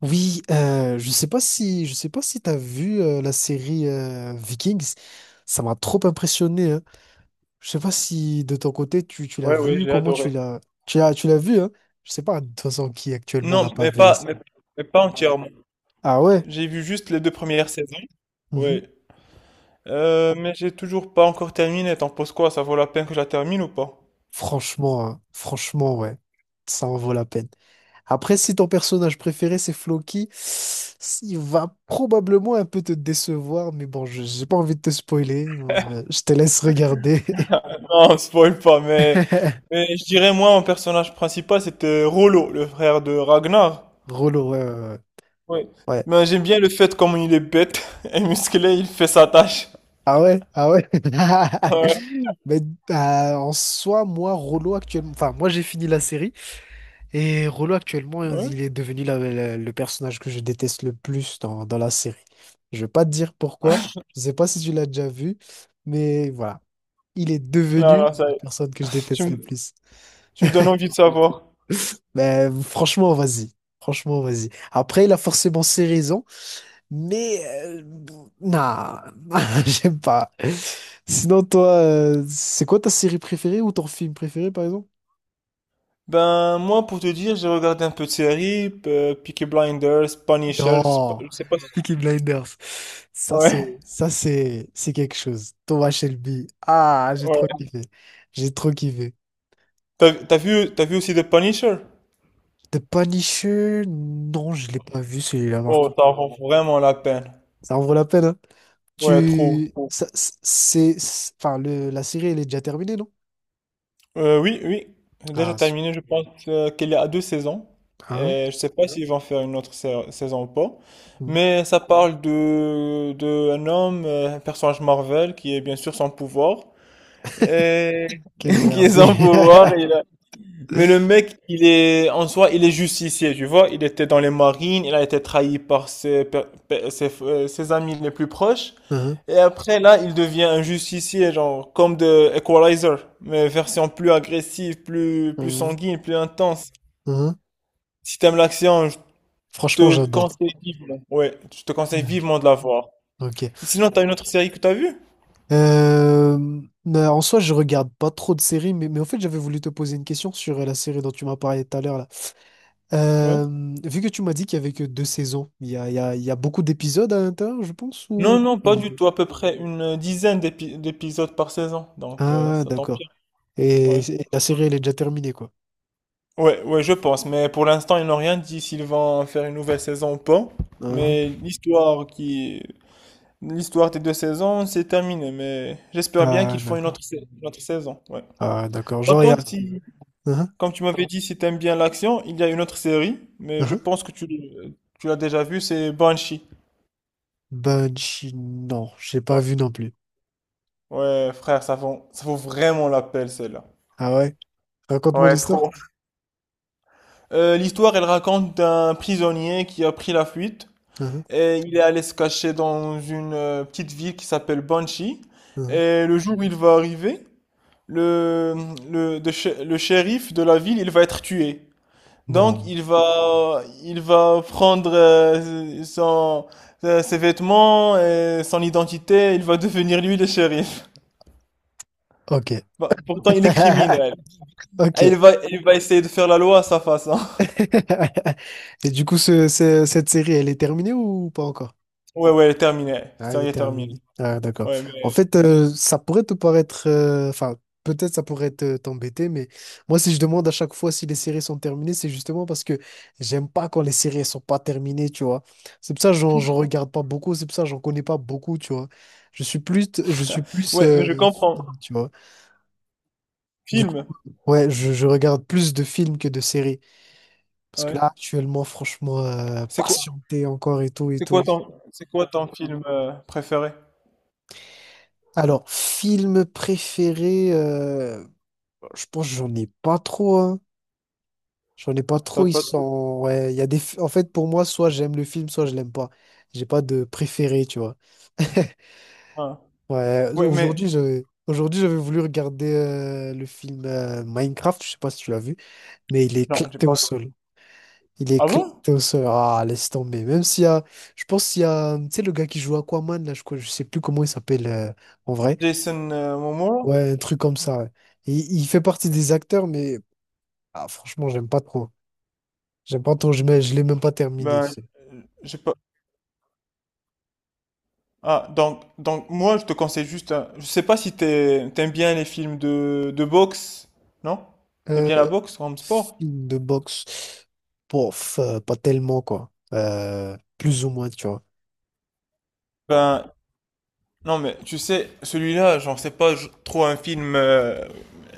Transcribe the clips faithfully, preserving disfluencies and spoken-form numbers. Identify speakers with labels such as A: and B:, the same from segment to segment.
A: Oui, euh, je sais pas si je sais pas si t'as vu euh, la série euh, Vikings. Ça m'a trop impressionné. Hein. Je sais pas si de ton côté tu, tu l'as
B: Ouais, ouais,
A: vu,
B: j'ai
A: comment tu
B: adoré.
A: l'as tu l'as tu l'as vu. Hein. Je sais pas de toute façon qui actuellement n'a
B: Non,
A: pas
B: mais
A: vu la
B: pas, mais,
A: série.
B: mais pas entièrement.
A: Ah ouais.
B: J'ai vu juste les deux premières saisons. Oui.
A: Mhm.
B: Euh, mais j'ai toujours pas encore terminé. T'en penses quoi? Ça vaut la peine que je la termine ou pas?
A: Franchement, hein, franchement, ouais, ça en vaut la peine. Après, si ton personnage préféré c'est Floki, il va probablement un peu te décevoir, mais bon, je j'ai pas envie de te spoiler. euh, Je te laisse regarder.
B: Non, spoil pas, mais, mais je dirais moi, mon personnage principal, c'était Rollo, le frère de Ragnar.
A: Drôlo, ouais, ouais, ouais.
B: Oui.
A: Ouais.
B: Mais j'aime bien le fait comme il est bête et musclé, il fait sa tâche.
A: Ah ouais, ah ouais.
B: Ouais.
A: Mais euh, en soi, moi, Rollo actuellement, enfin, moi j'ai fini la série et Rollo actuellement,
B: Ouais.
A: il est devenu la- la- le personnage que je déteste le plus dans, dans la série. Je vais pas te dire pourquoi, je sais pas si tu l'as déjà vu, mais voilà, il est
B: Non,
A: devenu
B: non, ça
A: la
B: y est.
A: personne que je
B: Tu
A: déteste le
B: me,
A: plus.
B: tu me donnes envie de savoir.
A: Mais franchement, vas-y, franchement, vas-y. Après, il a forcément ses raisons. Mais euh, non, j'aime pas. Sinon, toi, euh, c'est quoi ta série préférée ou ton film préféré, par exemple?
B: Ben, moi, pour te dire, j'ai regardé un peu de séries, euh, Peaky Blinders, Punisher, c'est pas-
A: Non,
B: je sais pas si...
A: Peaky Blinders. Ça, c'est,
B: Ouais,
A: ça, c'est, c'est quelque chose. Thomas Shelby. Ah, j'ai trop
B: ouais.
A: kiffé. J'ai trop kiffé.
B: T'as, t'as vu, t'as vu aussi The Punisher?
A: The Punisher? Non, je l'ai pas vu celui-là, par
B: Oh, ça
A: contre.
B: vaut vraiment la peine.
A: Ça en vaut la peine, hein.
B: Ouais, trop.
A: Tu, ça, c'est, c'est- enfin, le, la série, elle est déjà terminée, non?
B: Euh, oui, oui, j'ai déjà
A: Ah, c'est-
B: terminé, je pense euh, qu'elle est à deux saisons.
A: hein?
B: Et je sais pas s'ils vont faire une autre sa- saison ou pas.
A: Hmm.
B: Mais ça parle de, de un homme, euh, un personnage Marvel, qui est bien sûr sans pouvoir. Et
A: Quelle
B: qui est
A: merde.
B: sans pouvoir, il a- mais le mec, il est, en soi, il est justicier, tu vois. Il était dans les marines, il a été trahi par ses, pe- pe- ses, euh, ses amis les plus proches.
A: Mhm,
B: Et après, là, il devient un justicier, genre, comme de Equalizer, mais version plus agressive, plus, plus
A: mhm,
B: sanguine, plus intense.
A: mhm.
B: Si t'aimes l'action, je
A: Franchement,
B: te
A: j'adore.
B: conseille vivement. Ouais, je te conseille
A: Ok.
B: vivement de la voir.
A: Ok.
B: Et sinon, t'as une autre série que t'as vue?
A: Euh, mais en soi, je regarde pas trop de séries, mais, mais en fait, j'avais voulu te poser une question sur euh, la série dont tu m'as parlé tout à l'heure, là.
B: Ouais.
A: Euh, vu que tu m'as dit qu'il y avait que deux saisons, il y a, il y a, il y a beaucoup d'épisodes à l'intérieur, je pense, ou
B: Non, non,
A: pas
B: pas
A: du
B: du
A: tout?
B: tout. À peu près une dizaine d'épi- d'épisodes par saison. Donc, euh,
A: Ah,
B: ça
A: d'accord.
B: t'empire.
A: Et,
B: Ouais.
A: et la série, elle est déjà terminée, quoi.
B: Ouais, ouais, je pense. Mais pour l'instant, ils n'ont rien dit s'ils vont faire une nouvelle saison ou pas.
A: Hein.
B: Mais l'histoire qui, l'histoire des deux saisons, c'est terminé. Mais j'espère bien
A: Ah,
B: qu'ils font une
A: d'accord.
B: autre, sa- une autre saison. Ouais.
A: Ah, d'accord.
B: Par
A: Genre, il y a...
B: contre, si,
A: Hein.
B: comme tu m'avais dit, si t'aimes bien l'action, il y a une autre série. Mais je
A: Hein.
B: pense que tu, l'- tu l'as déjà vue, c'est Banshee.
A: Banshee, non, j'ai pas
B: Ouais.
A: vu non plus.
B: Ouais, frère, ça vaut, ça vaut vraiment la peine, celle-là.
A: Ah ouais? Raconte-moi
B: Ouais,
A: l'histoire.
B: trop. Euh, l'histoire, elle raconte d'un prisonnier qui a pris la fuite.
A: Hein,
B: Et il est allé se cacher dans une euh, petite ville qui s'appelle Banshee.
A: hein.
B: Et le jour où il va arriver, le, le, de shé- le shérif de la ville, il va être tué. Donc
A: Non.
B: il va, il va prendre euh, son, euh, ses vêtements et son identité. Il va devenir lui le shérif.
A: Ok.
B: Bah, pourtant il est criminel.
A: Ok.
B: Et il va, il va essayer de faire la loi à sa façon.
A: Et du coup, ce- ce- cette série, elle est terminée ou pas encore?
B: Ouais, ouais, terminé.
A: Ah, elle est
B: Sérieux terminé.
A: terminée. Ah, d'accord.
B: Ouais mais,
A: En fait, euh, ça pourrait te paraître... euh, Enfin, peut-être ça pourrait te- t'embêter, mais moi, si je demande à chaque fois si les séries sont terminées, c'est justement parce que j'aime pas quand les séries elles sont pas terminées, tu vois. C'est pour ça que j'en j'en regarde pas beaucoup, c'est pour ça que j'en connais pas beaucoup, tu vois. Je suis plus... Je suis plus...
B: ouais mais je
A: euh,
B: comprends.
A: film, tu vois. Du coup,
B: Film.
A: ouais, je je regarde plus de films que de séries. Parce que
B: Ouais.
A: là, actuellement, franchement, euh,
B: C'est quoi
A: patienter encore et tout et
B: C'est
A: tout.
B: quoi ton, c'est quoi ton film euh, préféré?
A: Alors, film préféré, euh, je pense que j'en ai pas trop, hein. J'en ai pas
B: T'as
A: trop, ils
B: pas trop?
A: sont... Ouais, il y a des... fi- En fait, pour moi, soit j'aime le film, soit je l'aime pas. J'ai pas de préféré, tu vois.
B: Hein.
A: Ouais,
B: Ouais, mais
A: aujourd'hui, je Aujourd'hui, j'avais voulu regarder euh, le film euh, Minecraft, je sais pas si tu l'as vu, mais il est
B: non, j'ai
A: éclaté
B: pas
A: au
B: regardé.
A: sol. Il est
B: Ah bon?
A: éclaté au Ah, laisse tomber. Même s'il y a. Je pense qu'il y a. Tu sais, le gars qui joue Aquaman, là, je crois, je sais plus comment il s'appelle euh, en vrai.
B: Jason euh, Momoa?
A: Ouais, un truc comme ça, ouais. Et il fait partie des acteurs, mais ah, franchement, j'aime pas trop. J'aime pas trop. Je mets- je l'ai même pas terminé, tu
B: Ben,
A: sais.
B: euh, j'ai pas. Ah, donc, donc moi, je te conseille juste. un- Je sais pas si t'es- t'aimes bien les films de, de boxe, non? T'aimes bien la
A: Euh,
B: boxe comme sport?
A: film de boxe. Pof, euh, pas tellement, quoi. Euh, plus ou moins, tu vois.
B: Ben, non, mais tu sais, celui-là, j'en sais pas je- trop un film, euh,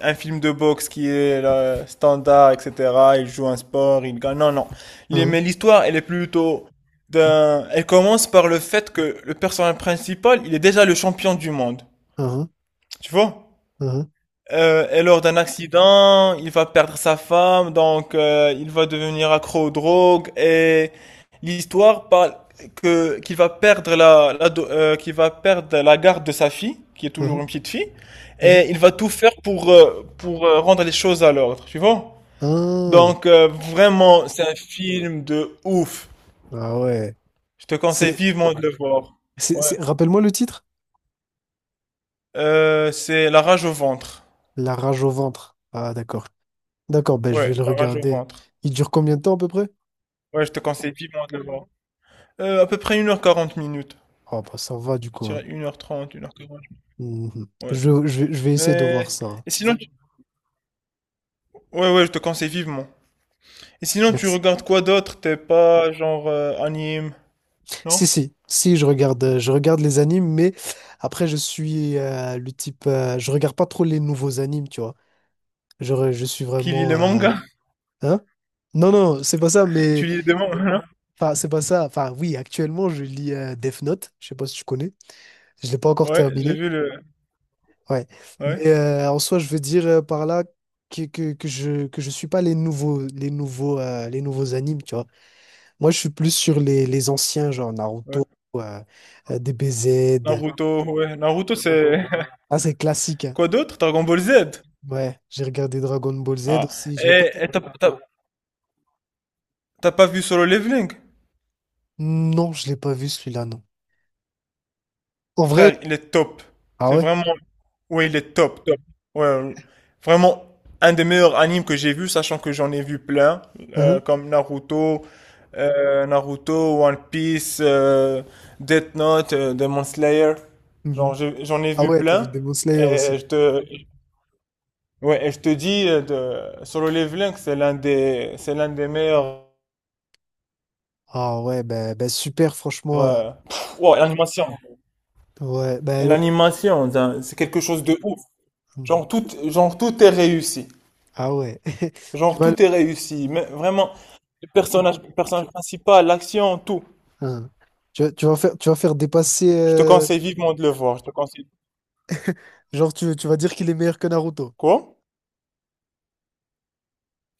B: un film de boxe qui est là, standard, et cetera. Il joue un sport, il gagne. Non, non. Les- Mais
A: Hein,
B: l'histoire, elle est plutôt d'un. Elle commence par le fait que le personnage principal, il est déjà le champion du monde.
A: hein,
B: Tu vois?
A: hein,
B: Euh, et lors d'un accident, il va perdre sa femme, donc euh, il va devenir accro aux drogues. Et l'histoire parle que qu'il va perdre la, la do- euh, qu'il va perdre la garde de sa fille, qui est toujours
A: hein,
B: une petite fille,
A: hein,
B: et il va tout faire pour euh, pour euh, rendre les choses à l'ordre, tu vois?
A: hein.
B: Donc euh, vraiment, c'est un film de ouf.
A: Ah ouais.
B: Je te conseille
A: C'est.
B: vivement de le voir.
A: c'est-
B: Ouais.
A: c'est- Rappelle-moi le titre?
B: Euh, c'est La rage au ventre.
A: La rage au ventre. Ah, d'accord. D'accord, ben je vais
B: Ouais,
A: le
B: La rage au
A: regarder.
B: ventre.
A: Il dure combien de temps à peu près?
B: Ouais, je te conseille vivement de le voir. Heu, à peu près une heure quarante minutes.
A: Oh, bah ça va du
B: Je
A: coup, hein.
B: dirais une heure trente, une heure quarante.
A: Mhm. Je,
B: Ouais.
A: je, vais je vais essayer de voir
B: Mais
A: ça, hein.
B: et sinon tu ouais, ouais, je te conseille vivement. Et sinon tu
A: Merci.
B: regardes quoi d'autre? T'es pas genre, heu, anime,
A: Si,
B: non?
A: si, si, je regarde, euh, je regarde les animes, mais après, je suis euh, le type. Euh, je regarde pas trop les nouveaux animes, tu vois. Je, je suis
B: Qui lit
A: vraiment.
B: les
A: euh,
B: mangas?
A: Hein? Non, non, c'est pas ça,
B: Tu
A: mais.
B: lis des mangas, non?
A: Enfin, c'est pas ça. Enfin, oui, actuellement, je lis euh, Death Note. Je sais pas si tu connais. Je l'ai pas encore
B: Ouais, j'ai
A: terminé.
B: vu le
A: Ouais.
B: ouais,
A: Mais euh, en soi, je veux dire euh, par là que, que, que je que je suis pas les nouveaux les nouveaux euh, les nouveaux animes, tu vois. Moi, je suis plus sur les, les anciens, genre
B: ouais.
A: Naruto, euh, euh, D B Z.
B: Naruto, ouais, Naruto c'est
A: Ah, c'est classique, hein.
B: quoi d'autre? Dragon Ball Z?
A: Ouais, j'ai regardé Dragon Ball Z
B: Ah
A: aussi. Je l'ai pas.
B: et et t'as t'as tu pas vu Solo Leveling?
A: Non, je l'ai pas vu celui-là, non. En vrai,
B: Frère, il est top.
A: ah
B: C'est
A: ouais.
B: vraiment Oui, il est top, top. Ouais, vraiment un des meilleurs animes que j'ai vu, sachant que j'en ai vu plein, euh,
A: Hein,
B: comme Naruto, euh, Naruto, One Piece, euh, Death Note, euh, Demon Slayer.
A: mhm.
B: Genre, je- j'en ai
A: Ah
B: vu
A: ouais, t'as vu
B: plein.
A: Demon Slayer
B: Et
A: aussi.
B: je te, ouais, et je te dis euh, de Solo Leveling, c'est l'un des, c'est l'un des meilleurs.
A: Ah ouais, ben ben super, franchement. euh,
B: euh, pff, wow, l'animation.
A: ouais,
B: Et
A: ben. Oh,
B: l'animation, c'est un- c'est quelque chose de ouf.
A: mhm.
B: Genre tout, genre tout est réussi.
A: Ah ouais. Tu
B: Genre,
A: vois,
B: tout est réussi. Mais vraiment, le personnage, le personnage principal, l'action, tout.
A: hein. Tu, vas- tu vas faire, tu vas faire dépasser.
B: Je te
A: euh,
B: conseille vivement de le voir. Je te conseille.
A: genre, tu, tu vas dire qu'il est meilleur que Naruto.
B: Quoi?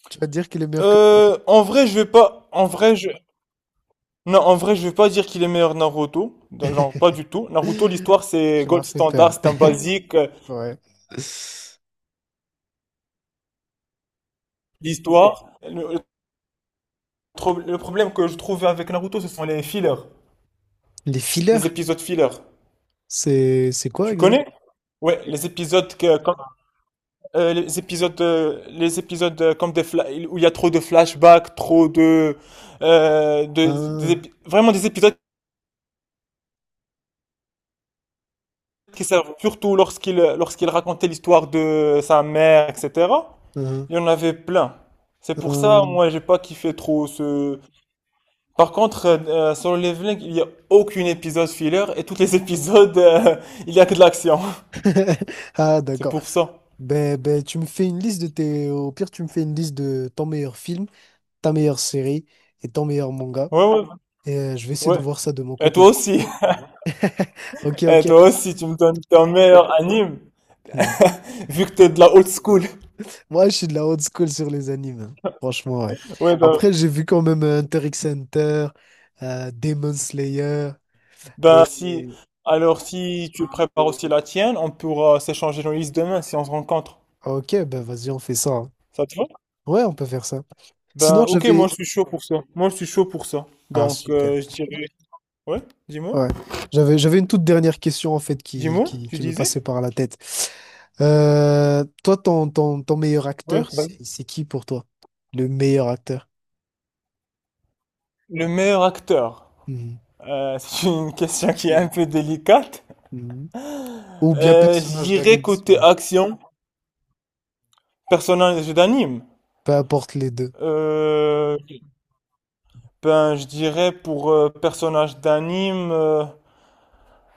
A: Tu vas dire qu'il est meilleur que
B: Euh,
A: Naruto.
B: en vrai, je vais pas. En vrai, je. Non, en vrai, je vais pas dire qu'il est meilleur Naruto. Genre, pas du tout. Naruto, l'histoire, c'est
A: Tu m'as
B: gold
A: fait
B: standard,
A: peur.
B: c'est un basique. euh,
A: Ouais.
B: L'histoire. Le, le tro- le problème que je trouvais avec Naruto, ce sont les fillers.
A: Les fillers,
B: Les épisodes fillers.
A: c'est c'est quoi
B: Tu
A: exactement?
B: connais? Ouais, les épisodes que, Euh, les épisodes, euh, les épisodes euh, comme des fla- où il y a trop de flashbacks, trop de, euh, de- des
A: Ah,
B: épi- vraiment des épisodes qui servent surtout lorsqu'il lorsqu'il racontait l'histoire de sa mère, et cetera.
A: ah,
B: Il y en avait plein. C'est pour
A: ah.
B: ça, moi, j'ai pas kiffé trop ce. Par contre, euh, euh, sur le leveling, il y a aucun épisode filler et tous les épisodes, euh, il y a que de l'action.
A: Ah,
B: C'est
A: d'accord.
B: pour ça.
A: Ben, ben, tu me fais une liste de tes. Au pire, tu me fais une liste de ton meilleur film, ta meilleure série et ton meilleur manga.
B: Ouais, ouais,
A: Et euh, je vais essayer de
B: ouais.
A: voir ça de mon
B: Et
A: côté.
B: toi aussi.
A: Ok, ok.
B: Et toi aussi, tu me donnes ton meilleur anime
A: Hmm.
B: vu que t'es de la old school.
A: Moi, je suis de la old school sur les animes, hein. Franchement, ouais.
B: Ouais, ben,
A: Après, j'ai vu quand même euh, Hunter x Hunter, euh, Demon Slayer.
B: ben,
A: Et...
B: si.
A: et-
B: Alors, si tu prépares aussi la tienne, on pourra s'échanger nos listes demain si on se rencontre.
A: Ok, ben vas-y, on fait ça, hein.
B: Ça te va?
A: Ouais, on peut faire ça.
B: Ben,
A: Sinon,
B: ok, moi
A: j'avais...
B: je suis chaud pour, moi je suis chaud pour ça.
A: Ah,
B: Donc,
A: super.
B: euh, je dirais. Ouais, dis-moi.
A: Ouais. J'avais, j'avais une toute dernière question, en fait, qui,
B: Dis-moi,
A: qui,
B: tu
A: qui me
B: disais?
A: passait par la tête. Euh, toi, ton, ton, ton meilleur
B: Ouais,
A: acteur,
B: ben,
A: c'est c'est qui pour toi? Le meilleur acteur?
B: le meilleur acteur.
A: Mhm.
B: Euh, c'est une question qui est un peu délicate.
A: Mhm. Ou bien
B: Euh, je
A: personnage
B: dirais
A: d'anime,
B: côté action, personnage d'anime.
A: peu importe les deux.
B: Euh, ben, je dirais pour euh, personnage d'anime. euh,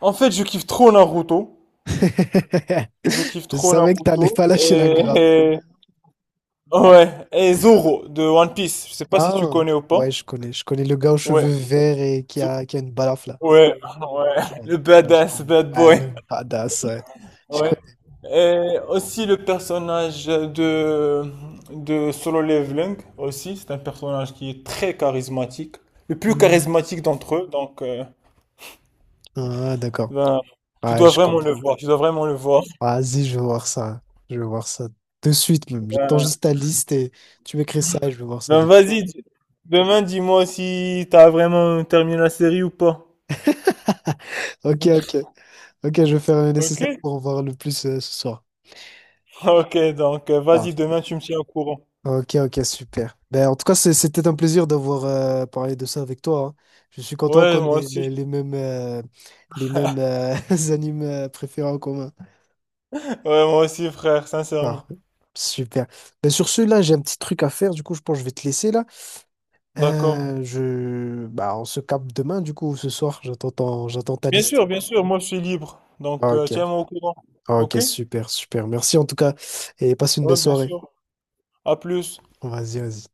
B: En fait, je kiffe trop Naruto. Je kiffe
A: Je
B: trop
A: savais que t'allais
B: Naruto
A: pas
B: et,
A: lâcher la grappe.
B: et- ouais et Zoro de One Piece. Je sais pas si tu
A: Ah,
B: connais ou
A: ouais,
B: pas.
A: je connais. Je connais le gars aux
B: Ouais,
A: cheveux verts et qui
B: Zo-
A: a, qui a une balafre, là.
B: ouais, ouais.
A: Ouais,
B: Le
A: ouais, je
B: badass
A: connais.
B: bad
A: Ah,
B: boy.
A: le badass, ouais. Je
B: Ouais.
A: connais.
B: Et aussi le personnage de de Solo Leveling aussi. C'est un personnage qui est très charismatique, le plus
A: Hmm.
B: charismatique d'entre eux. Donc euh,
A: Ah, d'accord.
B: ben, tu
A: Ouais,
B: dois
A: je
B: vraiment le
A: comprends.
B: voir. Tu dois vraiment le voir.
A: Vas-y, je vais voir ça. Je vais voir ça de suite, même. J'attends
B: Ben,
A: juste ta liste et tu m'écris ça et je vais voir ça
B: ben
A: de suite.
B: vas-y. dis- Demain, dis-moi si t'as vraiment terminé la série ou pas.
A: Ok, ok. Ok, je vais faire le
B: Ok,
A: nécessaire pour en voir le plus euh, ce soir.
B: ok, donc euh, vas-y,
A: Parfait.
B: demain tu me tiens au courant.
A: Ok, ok, super. Ben, en tout cas, c'est- c'était un plaisir d'avoir euh, parlé de ça avec toi, hein. Je suis content
B: Ouais,
A: qu'on
B: moi
A: ait le-
B: aussi.
A: les, mêmes, euh, les mêmes euh, animes euh, préférés en commun.
B: Ouais, moi aussi, frère,
A: Ah,
B: sincèrement.
A: super. Ben, sur ce, là, j'ai un petit truc à faire. Du coup, je pense que je vais te laisser là.
B: D'accord.
A: Euh, je... bah on se capte demain, du coup, ou ce soir. J'attends ton- j'attends ta
B: Bien
A: liste.
B: sûr, bien sûr, moi je suis libre. Donc euh,
A: Ok,
B: tiens-moi au courant.
A: ok,
B: Ok?
A: super, super. Merci en tout cas. Et passe une belle
B: Ouais, bien
A: soirée.
B: sûr. À plus.
A: Vas-y, vas-y.